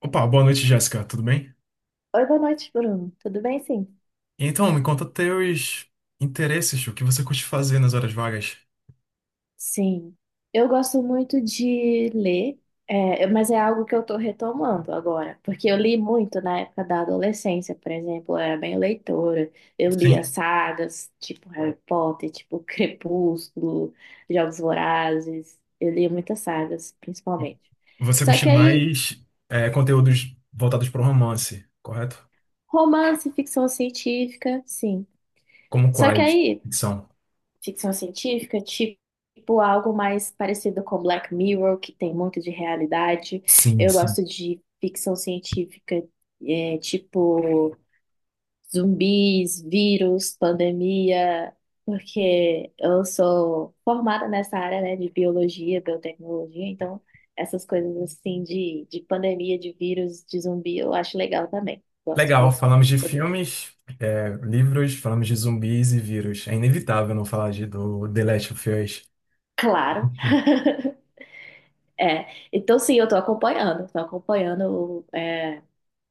Opa, boa noite, Jéssica. Tudo bem? Oi, boa noite, Bruno. Tudo bem, sim? Então, me conta teus interesses, o que você curte fazer nas horas vagas? Sim. Eu gosto muito de ler, mas é algo que eu estou retomando agora, porque eu li muito na época da adolescência. Por exemplo, eu era bem leitora. Eu lia Sim, sagas, tipo Harry Potter, tipo Crepúsculo, Jogos Vorazes. Eu lia muitas sagas, principalmente. você Só curte que aí, mais é, conteúdos voltados para o romance, correto? romance, ficção científica, sim. Como Só que quais? aí, Ficção. ficção científica, tipo algo mais parecido com Black Mirror, que tem muito de realidade. Sim, Eu sim. gosto de ficção científica, tipo zumbis, vírus, pandemia, porque eu sou formada nessa área, né, de biologia, biotecnologia. Então essas coisas assim de pandemia, de vírus, de zumbi, eu acho legal também. Gosto Legal, de falamos de saber. filmes, é, livros, falamos de zumbis e vírus. É inevitável não falar do The Last of Us. Claro. É, então sim, tô acompanhando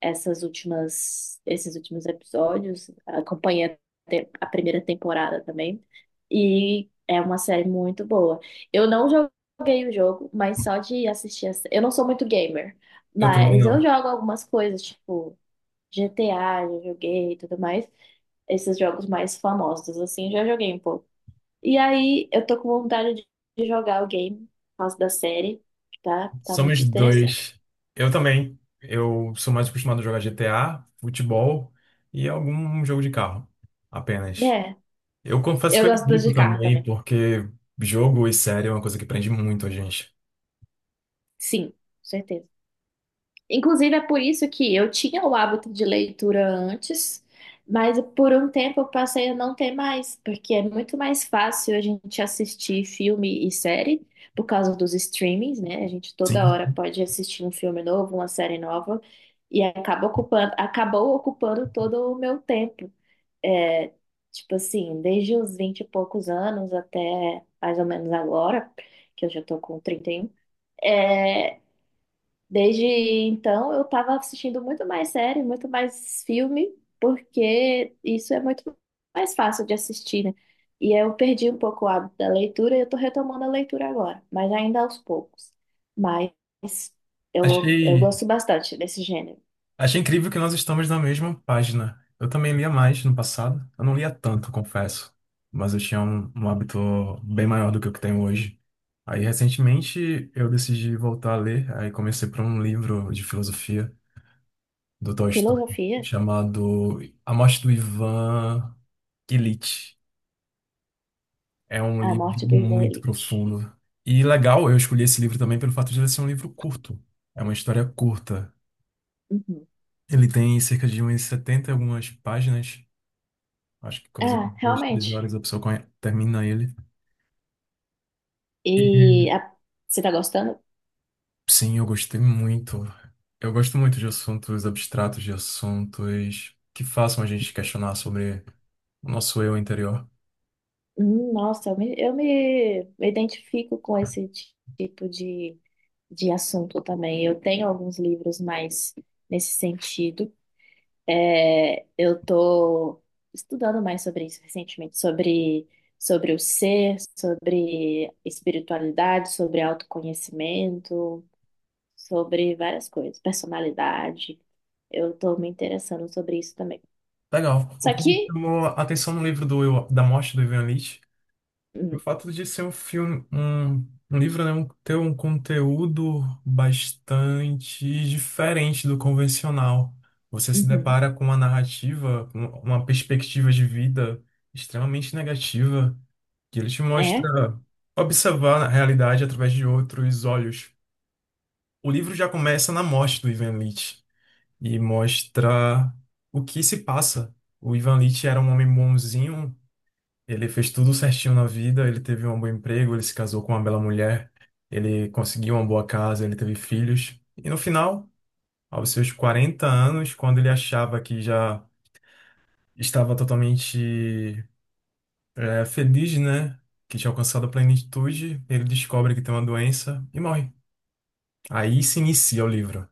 esses últimos episódios, acompanhei a, a primeira temporada também, e é uma série muito boa. Eu não joguei o jogo, mas só de assistir, a, eu não sou muito gamer, Eu também mas eu não. jogo algumas coisas, tipo GTA, já joguei e tudo mais, esses jogos mais famosos, assim, já joguei um pouco. E aí, eu tô com vontade de jogar o game por causa da série, que tá muito Somos interessante. dois. Eu também. Eu sou mais acostumado a jogar GTA, futebol e algum jogo de carro, apenas. É, Eu confesso eu que eu gosto das evito de carro também, também. porque jogo e série é uma coisa que prende muito a gente. Sim, com certeza. Inclusive, é por isso que eu tinha o hábito de leitura antes, mas por um tempo eu passei a não ter mais, porque é muito mais fácil a gente assistir filme e série por causa dos streamings, né? A gente toda Sim. hora pode assistir um filme novo, uma série nova, e acabou ocupando todo o meu tempo. é, tipo assim, desde os 20 e poucos anos até mais ou menos agora, que eu já tô com 31, é, desde então eu tava assistindo muito mais série, muito mais filme, porque isso é muito mais fácil de assistir, né? E eu perdi um pouco o hábito da leitura e eu tô retomando a leitura agora, mas ainda aos poucos. Mas eu Achei, gosto bastante desse gênero. Achei incrível que nós estamos na mesma página. Eu também lia mais no passado. Eu não lia tanto, confesso. Mas eu tinha um hábito bem maior do que o que tenho hoje. Aí, recentemente, eu decidi voltar a ler. Aí comecei por um livro de filosofia do Tolstói, Filosofia, chamado A Morte do Ivan Ilitch. É um A livro Morte do Ivan muito Ilitch. profundo. E legal, eu escolhi esse livro também pelo fato de ele ser um livro curto. É uma história curta. Uhum. Ele tem cerca de umas 70 e algumas páginas. Acho que coisa de Ah, 2, 3 realmente. horas a pessoa termina ele. E E você tá gostando? sim, eu gostei muito. Eu gosto muito de assuntos abstratos, de assuntos que façam a gente questionar sobre o nosso eu interior. Nossa, eu me me identifico com esse tipo de assunto também. Eu tenho alguns livros mais nesse sentido. É, eu tô estudando mais sobre isso recentemente, sobre o ser, sobre espiritualidade, sobre autoconhecimento, sobre várias coisas, personalidade. Eu tô me interessando sobre isso também. Legal. O Só que me que. chamou a atenção no livro da morte do Ivan Lit. O Hum, fato de ser um filme, um livro, né, ter um conteúdo bastante diferente do convencional. Você se uhum, depara com uma narrativa, com uma perspectiva de vida extremamente negativa, que ele te mostra é. observar a realidade através de outros olhos. O livro já começa na morte do Ivan Lit e mostra o que se passa. O Ivan Lit era um homem bonzinho, ele fez tudo certinho na vida, ele teve um bom emprego, ele se casou com uma bela mulher, ele conseguiu uma boa casa, ele teve filhos. E no final, aos seus 40 anos, quando ele achava que já estava totalmente feliz, né? Que tinha alcançado a plenitude, ele descobre que tem uma doença e morre. Aí se inicia o livro.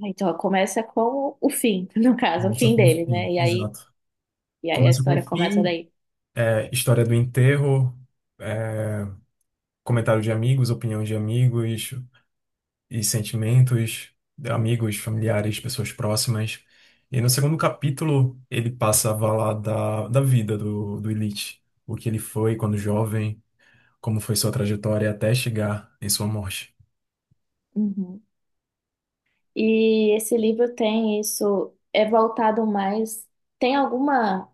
Então, começa com o fim, no caso, o Começa fim com o dele, fim, né? Exato. E aí a Começa com o história começa fim, daí. História do enterro, é, comentário de amigos, opinião de amigos, e sentimentos, amigos, familiares, pessoas próximas. E no segundo capítulo, ele passa a falar da vida do Elite, o que ele foi quando jovem, como foi sua trajetória até chegar em sua morte. Uhum. E esse livro tem isso, tem alguma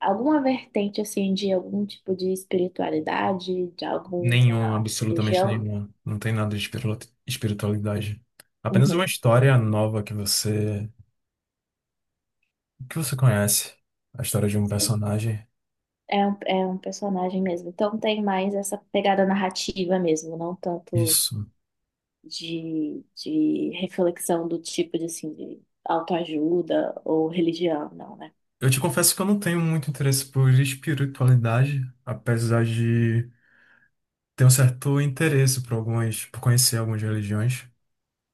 vertente assim de algum tipo de espiritualidade, de Nenhuma, alguma absolutamente religião? nenhuma. Não tem nada de espiritualidade. Apenas uma Uhum. história nova que você conhece, a história de um personagem. É um personagem mesmo. Então tem mais essa pegada narrativa mesmo, não tanto Isso. De reflexão do tipo de assim de autoajuda ou religião, não, né? Eu te confesso que eu não tenho muito interesse por espiritualidade, apesar de. Tenho um certo interesse por conhecer algumas religiões.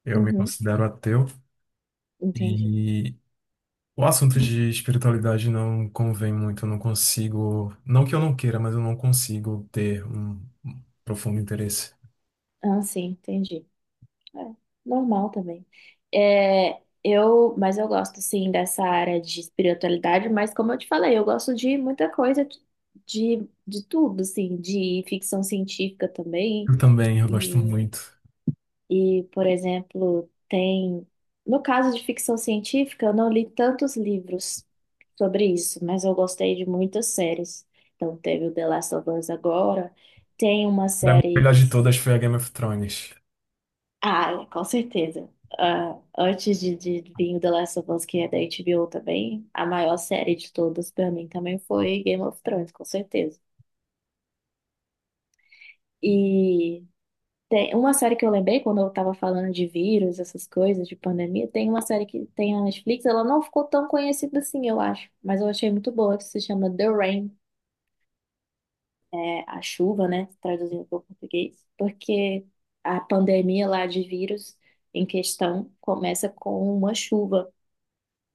Eu me Uhum, considero ateu entendi. e o assunto de espiritualidade não convém muito. Eu não consigo, não que eu não queira, mas eu não consigo ter um profundo interesse. Ah, sim, entendi. É, normal também. Mas eu gosto, sim, dessa área de espiritualidade, mas como eu te falei, eu gosto de muita coisa, de tudo, assim, de ficção científica também. Eu também, eu gosto E, muito. e, por exemplo, tem... No caso de ficção científica, eu não li tantos livros sobre isso, mas eu gostei de muitas séries. Então, teve o The Last of Us agora, tem uma Pra mim, a série melhor que... de todas foi a Game of Thrones. Ah, é, com certeza. Ah, de vir o The Last of Us, que é da HBO também, a maior série de todas pra mim também foi Game of Thrones, com certeza. E tem uma série que eu lembrei quando eu tava falando de vírus, essas coisas, de pandemia. Tem uma série que tem na Netflix, ela não ficou tão conhecida assim, eu acho, mas eu achei muito boa, que se chama The Rain, é a chuva, né, traduzindo para o português, porque a pandemia lá de vírus em questão começa com uma chuva.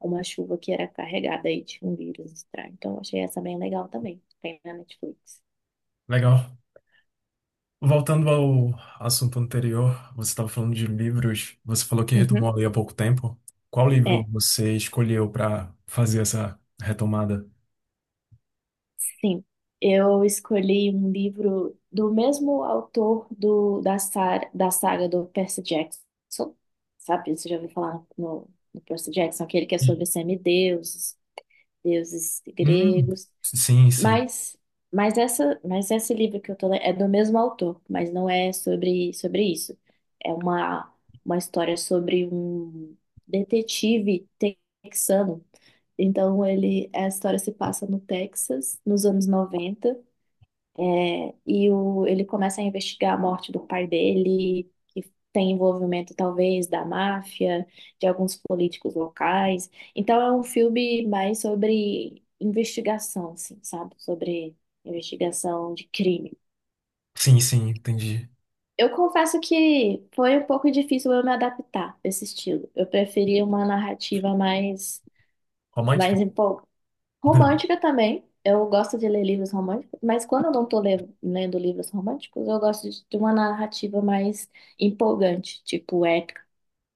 Uma chuva que era carregada aí de um vírus estranho. Então, eu achei essa bem legal também. Tem na Netflix. Legal. Voltando ao assunto anterior, você estava falando de livros. Você falou que Uhum. retomou a ler há pouco tempo. Qual livro É, você escolheu para fazer essa retomada? sim. Eu escolhi um livro do mesmo autor da saga do Percy Jackson. Sabe, você já ouviu falar no Percy Jackson, aquele que é sobre semideuses, deuses Hum, gregos. sim, sim. Mas, mas mas esse livro que eu tô lendo é do mesmo autor, mas não é sobre, sobre isso. É uma história sobre um detetive texano. Então ele, a história se passa no Texas, nos anos 90. E o, ele começa a investigar a morte do pai dele, que tem envolvimento talvez da máfia, de alguns políticos locais. Então é um filme mais sobre investigação, assim, sabe? Sobre investigação de crime. Sim, sim, entendi. Eu confesso que foi um pouco difícil eu me adaptar a esse estilo. Eu preferia uma narrativa Romântica? mais... Romântica também. Eu gosto de ler livros românticos, mas quando eu não estou lendo livros românticos, eu gosto de uma narrativa mais empolgante, tipo épica.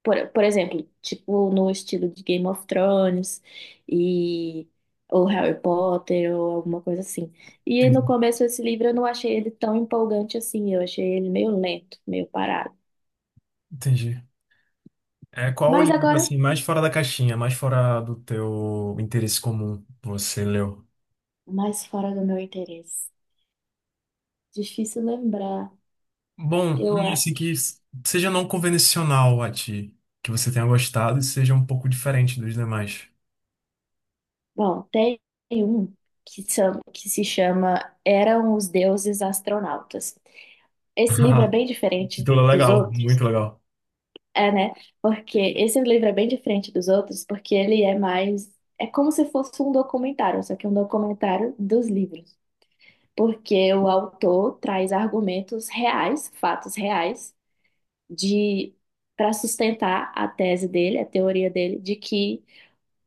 Por exemplo, tipo no estilo de Game of Thrones e ou Harry Potter ou alguma coisa assim. E no Entendi, começo esse livro eu não achei ele tão empolgante assim, eu achei ele meio lento, meio parado. entendi. Qual o Mas livro, agora, assim, mais fora da caixinha, mais fora do teu interesse comum você leu? mais fora do meu interesse. Difícil lembrar, Bom, eu um, assim, que acho. Seja não convencional a ti, que você tenha gostado e seja um pouco diferente dos demais. Bom, tem um que se chama Eram os Deuses Astronautas. Esse livro é bem diferente Título dos legal, outros, muito legal. é, né? Porque esse livro é bem diferente dos outros, porque ele é mais. É como se fosse um documentário, só que é um documentário dos livros. Porque o autor traz argumentos reais, fatos reais, de para sustentar a tese dele, a teoria dele, de que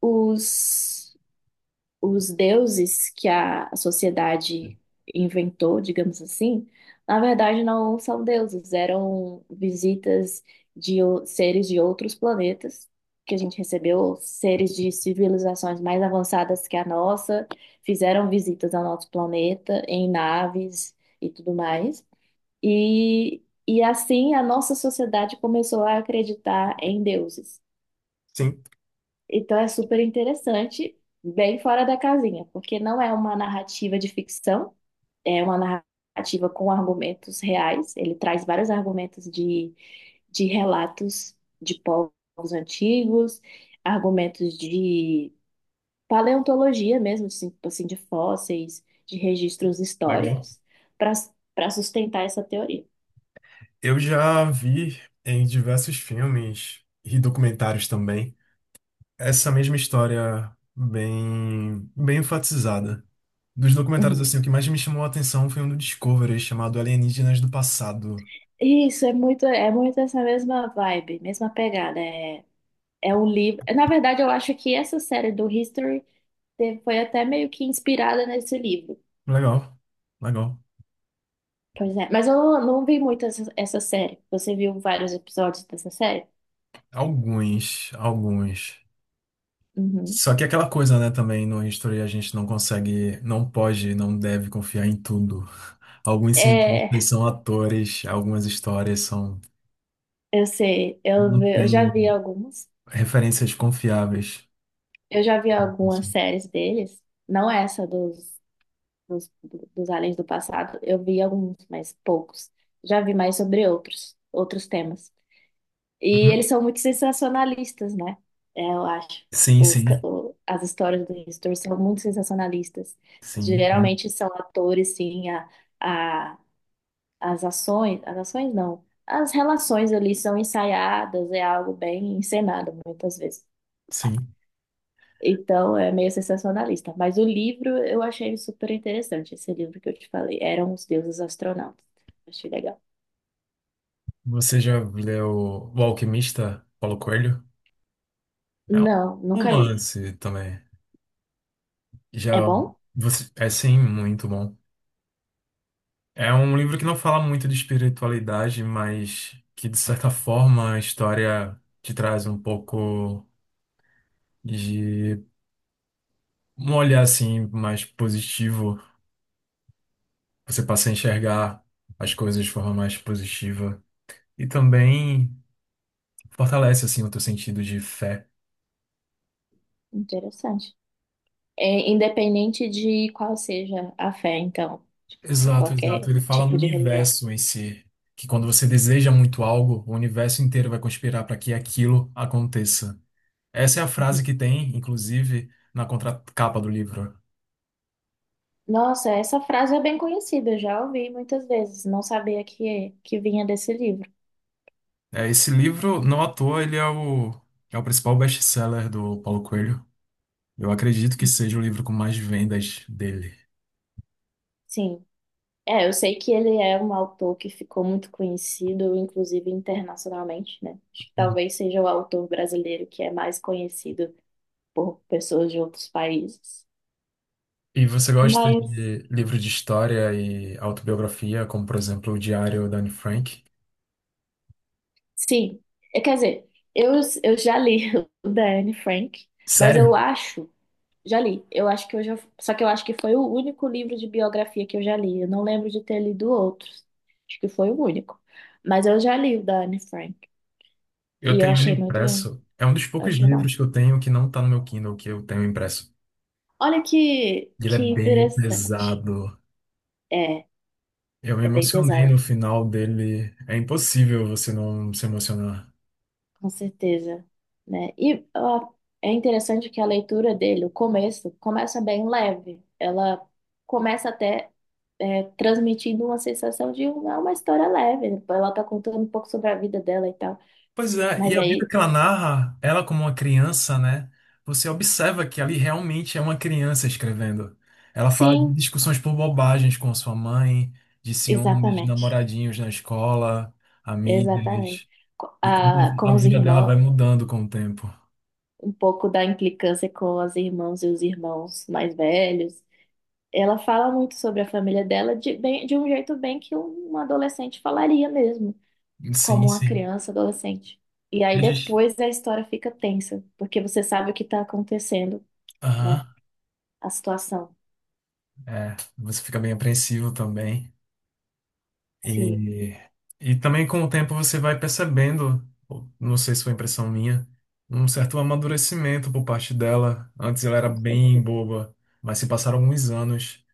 os os deuses que a sociedade inventou, digamos assim, na verdade não são deuses, eram visitas de seres de outros planetas que a gente recebeu, seres de civilizações mais avançadas que a nossa, fizeram visitas ao nosso planeta em naves e tudo mais. E assim a nossa sociedade começou a acreditar em deuses. Sim, Então é super interessante, bem fora da casinha, porque não é uma narrativa de ficção, é uma narrativa com argumentos reais. Ele traz vários argumentos de relatos de povos antigos, argumentos de paleontologia mesmo, assim, tipo assim, de fósseis, de registros legal. históricos, para para sustentar essa teoria. Eu já vi em diversos filmes e documentários também, essa mesma história bem, bem enfatizada. Dos documentários, Uhum. assim, o que mais me chamou a atenção foi um do Discovery chamado Alienígenas do Passado. Isso, é muito essa mesma vibe, mesma pegada. É... é um livro. Na verdade, eu acho que essa série do History foi até meio que inspirada nesse livro. Legal, legal. Pois é. Mas eu não vi muito essa série. Você viu vários episódios dessa série? Alguns, alguns. Uhum. Só que aquela coisa, né, também no History a gente não consegue, não pode, não deve confiar em tudo. Alguns cientistas É, são atores, algumas histórias são, eu sei. Não Eu já vi tem alguns. referências confiáveis. Eu já vi algumas Assim. séries deles. Não essa dos, dos aliens do passado. Eu vi alguns, mas poucos. Já vi mais sobre outros, outros temas. E Uhum. eles são muito sensacionalistas, né? É, eu acho. Sim, sim, As histórias do History são muito sensacionalistas. sim, bom, Geralmente são atores, sim, a, as ações não, as relações ali são ensaiadas, é algo bem encenado muitas vezes. sim. Então é meio sensacionalista. Mas o livro eu achei super interessante, esse livro que eu te falei. Eram os deuses astronautas. Achei legal. Você já leu O Alquimista, Paulo Coelho? É Não, um nunca li. romance também. É Já bom? você, é sim, muito bom. É um livro que não fala muito de espiritualidade, mas que de certa forma a história te traz um pouco de um olhar assim mais positivo. Você passa a enxergar as coisas de forma mais positiva e também fortalece assim o teu sentido de fé. Interessante. É, independente de qual seja a fé, então, de Exato, exato. qualquer Ele fala no tipo de religião. universo em si, que quando você deseja muito algo, o universo inteiro vai conspirar para que aquilo aconteça. Essa é a frase que Uhum. tem, inclusive, na contracapa do livro. Nossa, essa frase é bem conhecida, eu já ouvi muitas vezes, não sabia que, é, que vinha desse livro. É, esse livro, não à toa, ele é o, é o principal best-seller do Paulo Coelho. Eu acredito que seja o livro com mais vendas dele. Sim. É, eu sei que ele é um autor que ficou muito conhecido, inclusive internacionalmente, né? Acho que Uhum. talvez seja o autor brasileiro que é mais conhecido por pessoas de outros países. E você gosta Mas... de livro de história e autobiografia, como, por exemplo, O Diário da Anne Frank? Sim, é, quer dizer, eu já li o da Anne Frank, mas eu Sério? acho, eu acho que eu já, só que eu acho que foi o único livro de biografia que eu já li, eu não lembro de ter lido outros, acho que foi o único, mas eu já li o da Anne Frank, Eu e tenho ele impresso. eu É um dos poucos achei bom. livros que eu tenho que não tá no meu Kindle, que eu tenho impresso. Olha Ele é que bem interessante, pesado. é, Eu me é bem emocionei no pesado, final dele. É impossível você não se emocionar. com certeza, né, e ó, é interessante que a leitura dele, o começo, começa bem leve, ela começa até transmitindo uma sensação de é uma história leve, né? Ela tá contando um pouco sobre a vida dela e tal. Pois é, e Mas a vida aí, que ela narra, ela como uma criança, né? Você observa que ali realmente é uma criança escrevendo. Ela fala de sim, discussões por bobagens com sua mãe, de ciúmes, de exatamente. namoradinhos na escola, Exatamente. amigas, e como a Com os vida dela irmãos, vai mudando com o tempo. um pouco da implicância com as irmãs e os irmãos mais velhos. Ela fala muito sobre a família dela de, bem, de um jeito bem que uma adolescente falaria mesmo, Sim, como uma sim. criança, adolescente. E E aí a gente. depois a história fica tensa, porque você sabe o que está acontecendo, Aham, né? A situação. é, você fica bem apreensivo também. Sim. E, e também com o tempo você vai percebendo, ou não sei se foi impressão minha, um certo amadurecimento por parte dela. Antes ela era Com bem certeza. boba, mas se passaram alguns anos.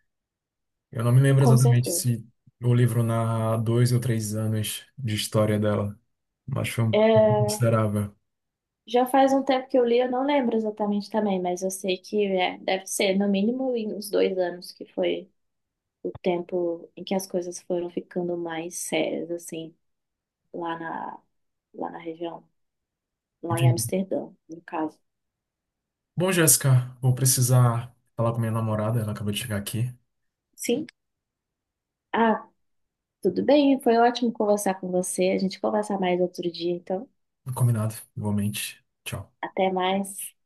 Eu não me lembro Com exatamente certeza. se o livro narra 2 ou 3 anos de história dela, mas foi um tempo É, considerável. já faz um tempo que eu li, eu não lembro exatamente também, mas eu sei que é, deve ser no mínimo em uns 2 anos que foi o tempo em que as coisas foram ficando mais sérias, assim, lá na, lá na região, lá em Entendi. Amsterdã, no caso. Bom, Jéssica, vou precisar falar com minha namorada, ela acabou de chegar aqui. Sim? Ah, tudo bem, foi ótimo conversar com você. A gente conversar mais outro dia, então. Combinado, igualmente. Tchau. Até mais.